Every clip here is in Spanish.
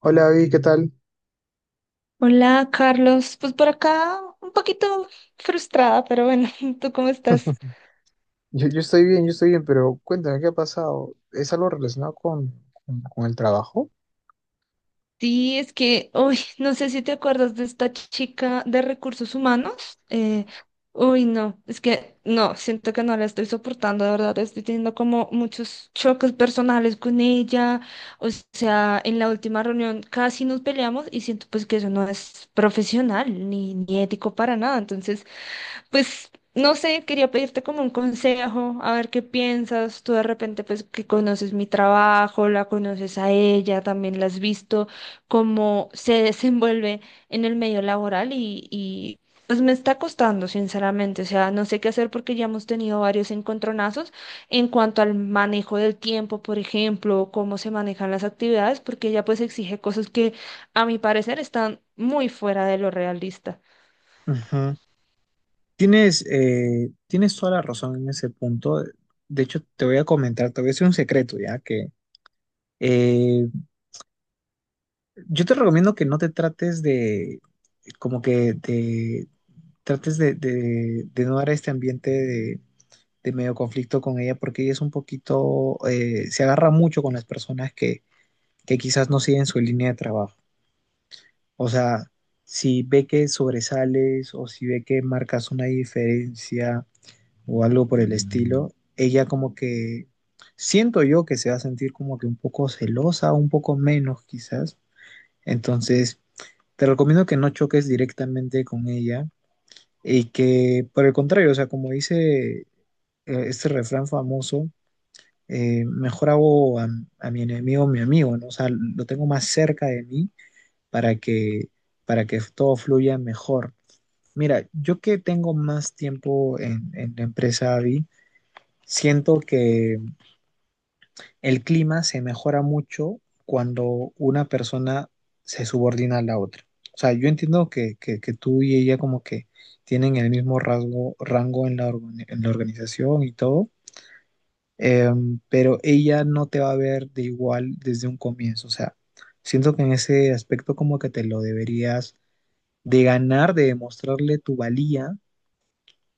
Hola, Avi, ¿qué tal? Hola, Carlos. Pues por acá un poquito frustrada, pero bueno, ¿tú cómo estás? Yo estoy bien, yo estoy bien, pero cuéntame, ¿qué ha pasado? ¿Es algo relacionado con el trabajo? Sí, es que, uy, no sé si te acuerdas de esta chica de recursos humanos. No, es que no, siento que no la estoy soportando, de verdad, estoy teniendo como muchos choques personales con ella. O sea, en la última reunión casi nos peleamos y siento pues que eso no es profesional ni ético para nada. Entonces, pues no sé, quería pedirte como un consejo, a ver qué piensas. Tú de repente, pues que conoces mi trabajo, la conoces a ella, también la has visto cómo se desenvuelve en el medio laboral y pues me está costando, sinceramente. O sea, no sé qué hacer porque ya hemos tenido varios encontronazos en cuanto al manejo del tiempo, por ejemplo, cómo se manejan las actividades, porque ella pues exige cosas que a mi parecer están muy fuera de lo realista. Ujú. Tienes, tienes toda la razón en ese punto. De hecho, te voy a comentar, te voy a decir un secreto, ya que eh, yo te recomiendo que no te trates de, como que de, trates de no dar este ambiente de medio conflicto con ella, porque ella es un poquito, se agarra mucho con las personas que quizás no siguen su línea de trabajo. O sea, si ve que sobresales o si ve que marcas una diferencia o algo por el estilo, ella como que siento yo que se va a sentir como que un poco celosa, un poco menos quizás. Entonces, te recomiendo que no choques directamente con ella y que por el contrario, o sea, como dice este refrán famoso, mejor hago a mi enemigo mi amigo, ¿no? O sea, lo tengo más cerca de mí para que, para que todo fluya mejor. Mira, yo que tengo más tiempo en la empresa AVI, siento que el clima se mejora mucho cuando una persona se subordina a la otra. O sea, yo entiendo que tú y ella como que tienen el mismo rango en la en la organización y todo, eh, pero ella no te va a ver de igual desde un comienzo. O sea, siento que en ese aspecto como que te lo deberías de ganar, de demostrarle tu valía.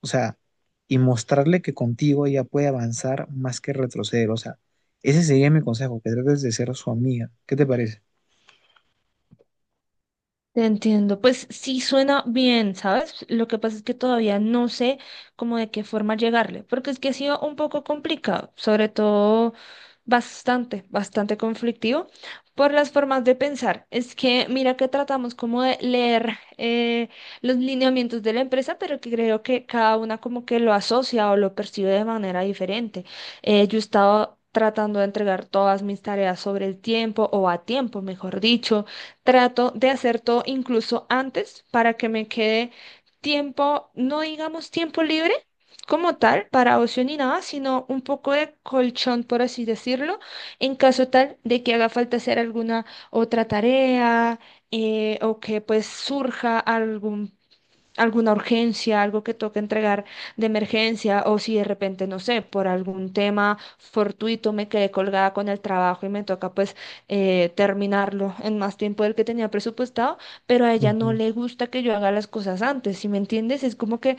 O sea, y mostrarle que contigo ella puede avanzar más que retroceder. O sea, ese sería mi consejo, que trates de ser su amiga. ¿Qué te parece? Te entiendo, pues sí suena bien, ¿sabes? Lo que pasa es que todavía no sé cómo, de qué forma llegarle, porque es que ha sido un poco complicado, sobre todo bastante, bastante conflictivo por las formas de pensar. Es que mira que tratamos como de leer los lineamientos de la empresa, pero que creo que cada una como que lo asocia o lo percibe de manera diferente. Yo he estado tratando de entregar todas mis tareas sobre el tiempo o a tiempo, mejor dicho. Trato de hacer todo incluso antes para que me quede tiempo, no digamos tiempo libre como tal, para ocio ni nada, sino un poco de colchón, por así decirlo, en caso tal de que haga falta hacer alguna otra tarea, o que pues surja algún alguna urgencia, algo que toque entregar de emergencia, o si de repente, no sé, por algún tema fortuito me quedé colgada con el trabajo y me toca pues terminarlo en más tiempo del que tenía presupuestado, pero a ella no Ujú. le gusta que yo haga las cosas antes, ¿si me entiendes? Es como que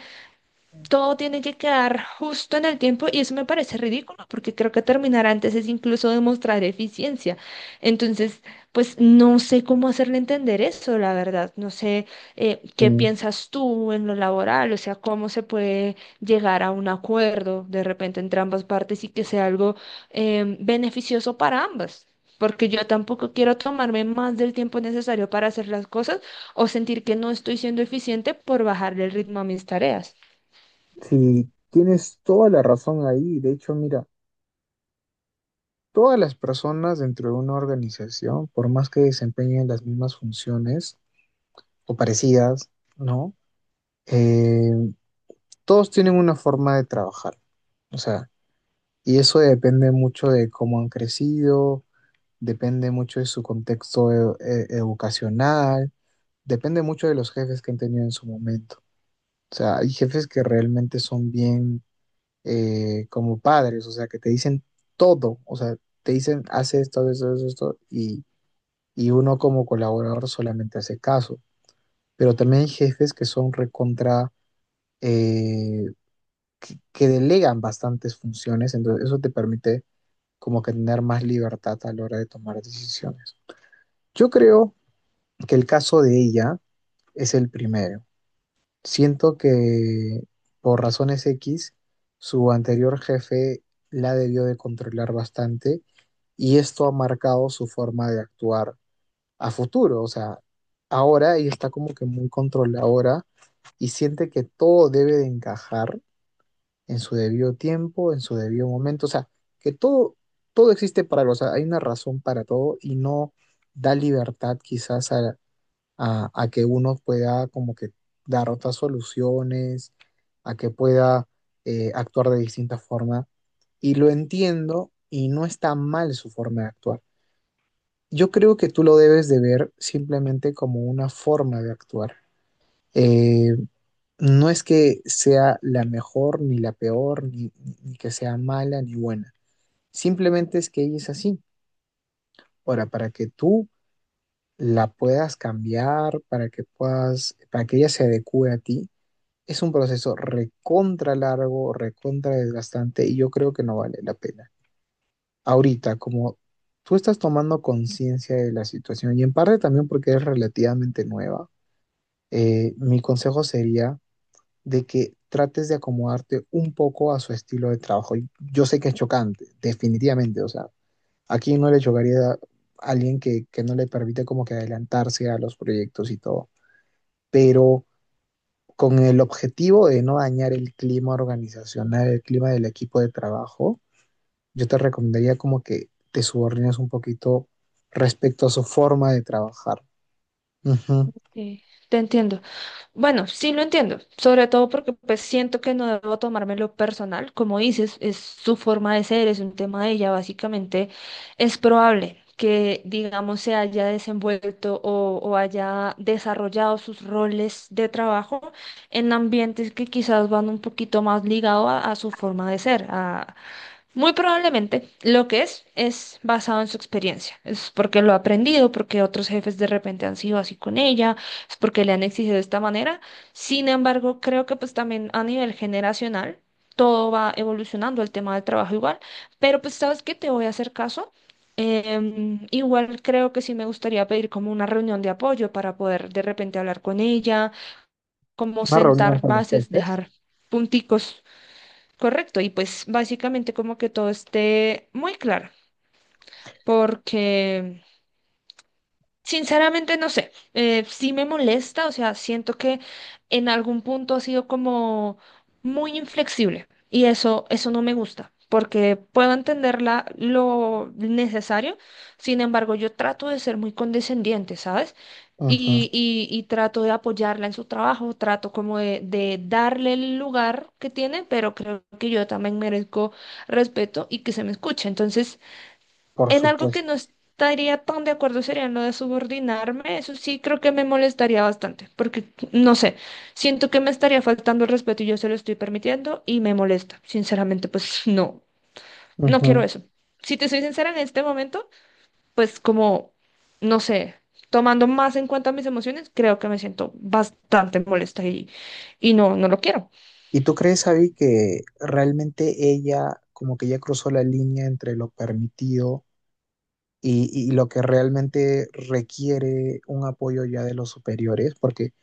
todo tiene que quedar justo en el tiempo y eso me parece ridículo porque creo que terminar antes es incluso demostrar eficiencia. Entonces, pues no sé cómo hacerle entender eso, la verdad. No sé, qué Sí, piensas tú en lo laboral, o sea, cómo se puede llegar a un acuerdo de repente entre ambas partes y que sea algo beneficioso para ambas. Porque yo tampoco quiero tomarme más del tiempo necesario para hacer las cosas o sentir que no estoy siendo eficiente por bajarle el ritmo a mis tareas. sí, tienes toda la razón ahí. De hecho, mira, todas las personas dentro de una organización, por más que desempeñen las mismas funciones o parecidas, ¿no? Eh, todos tienen una forma de trabajar. O sea, y eso depende mucho de cómo han crecido, depende mucho de su contexto educacional, depende mucho de los jefes que han tenido en su momento. O sea, hay jefes que realmente son bien como padres, o sea, que te dicen todo, o sea, te dicen, haz esto, haz esto, haz esto, y uno como colaborador solamente hace caso. Pero también hay jefes que son recontra, eh, que delegan bastantes funciones, entonces eso te permite como que tener más libertad a la hora de tomar decisiones. Yo creo que el caso de ella es el primero. Siento que por razones X, su anterior jefe la debió de controlar bastante y esto ha marcado su forma de actuar a futuro. O sea, ahora ella está como que muy controladora y siente que todo debe de encajar en su debido tiempo, en su debido momento. O sea, que todo, todo existe para algo. O sea, hay una razón para todo y no da libertad quizás a que uno pueda como que dar otras soluciones, a que pueda actuar de distinta forma. Y lo entiendo y no está mal su forma de actuar. Yo creo que tú lo debes de ver simplemente como una forma de actuar. Eh, no es que sea la mejor ni la peor, ni que sea mala ni buena. Simplemente es que ella es así. Ahora, para que tú la puedas cambiar, para que ella se adecue a ti, es un proceso recontra largo, recontra desgastante y yo creo que no vale la pena. Ahorita, como tú estás tomando conciencia de la situación y en parte también porque es relativamente nueva, mi consejo sería de que trates de acomodarte un poco a su estilo de trabajo. Y yo sé que es chocante, definitivamente, o sea, aquí no le chocaría a alguien que no le permite como que adelantarse a los proyectos y todo, pero con el objetivo de no dañar el clima organizacional, el clima del equipo de trabajo, yo te recomendaría como que te subordines un poquito respecto a su forma de trabajar. Ujú. Sí, te entiendo. Bueno, sí lo entiendo, sobre todo porque pues siento que no debo tomármelo personal, como dices, es su forma de ser, es un tema de ella, básicamente es probable que, digamos, se haya desenvuelto o haya desarrollado sus roles de trabajo en ambientes que quizás van un poquito más ligado a su forma de ser, muy probablemente lo que es basado en su experiencia. Es porque lo ha aprendido, porque otros jefes de repente han sido así con ella, es porque le han exigido de esta manera. Sin embargo, creo que pues también a nivel generacional todo va evolucionando, el tema del trabajo igual. Pero pues sabes que te voy a hacer caso. Igual creo que sí me gustaría pedir como una reunión de apoyo para poder de repente hablar con ella, como Una reunión sentar con los bases, jefes. dejar punticos. Correcto, y pues básicamente como que todo esté muy claro, porque sinceramente no sé, sí me molesta, o sea, siento que en algún punto ha sido como muy inflexible y eso no me gusta, porque puedo entenderla lo necesario. Sin embargo, yo trato de ser muy condescendiente, ¿sabes? Ujú, Y trato de apoyarla en su trabajo, trato como de darle el lugar que tiene, pero creo que yo también merezco respeto y que se me escuche. Entonces, por en algo que supuesto. no estaría tan de acuerdo sería en lo de subordinarme. Eso sí creo que me molestaría bastante, porque no sé, siento que me estaría faltando el respeto y yo se lo estoy permitiendo y me molesta. Sinceramente, pues no, no Ujú. quiero eso. Si te soy sincera en este momento, pues como, no sé, tomando más en cuenta mis emociones, creo que me siento bastante molesta y no, no lo quiero. ¿Y tú crees, Abby, que realmente ella como que ya cruzó la línea entre lo permitido y lo que realmente requiere un apoyo ya de los superiores? Porque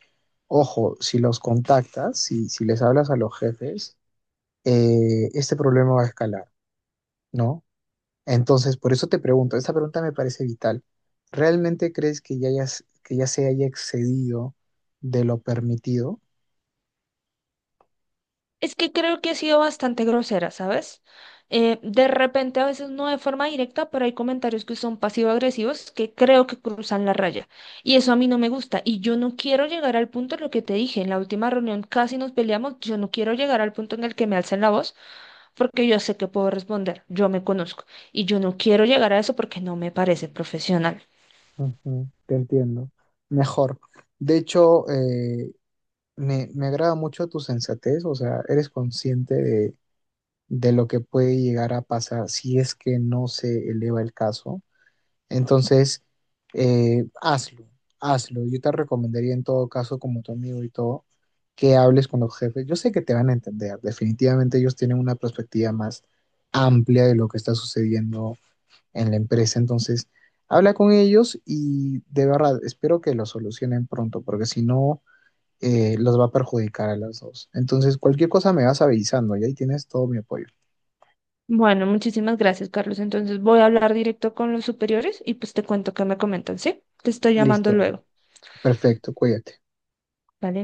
ojo, si los contactas, si les hablas a los jefes, este problema va a escalar, ¿no? Entonces, por eso te pregunto, esta pregunta me parece vital. ¿Realmente crees que ya, que ya se haya excedido de lo permitido? Es que creo que he sido bastante grosera, ¿sabes? De repente, a veces no de forma directa, pero hay comentarios que son pasivo-agresivos que creo que cruzan la raya. Y eso a mí no me gusta. Y yo no quiero llegar al punto en lo que te dije. En la última reunión casi nos peleamos. Yo no quiero llegar al punto en el que me alcen la voz porque yo sé que puedo responder. Yo me conozco. Y yo no quiero llegar a eso porque no me parece profesional. Ujú, te entiendo. Mejor. De hecho, me agrada mucho tu sensatez, o sea, eres consciente de lo que puede llegar a pasar si es que no se eleva el caso. Entonces, hazlo, hazlo. Yo te recomendaría en todo caso, como tu amigo y todo, que hables con los jefes. Yo sé que te van a entender. Definitivamente ellos tienen una perspectiva más amplia de lo que está sucediendo en la empresa. Entonces, habla con ellos y de verdad, espero que lo solucionen pronto, porque si no los va a perjudicar a las dos. Entonces, cualquier cosa me vas avisando y ahí tienes todo mi apoyo. Bueno, muchísimas gracias, Carlos. Entonces voy a hablar directo con los superiores y pues te cuento qué me comentan, ¿sí? Te estoy llamando Listo. luego. Perfecto, cuídate. ¿Vale?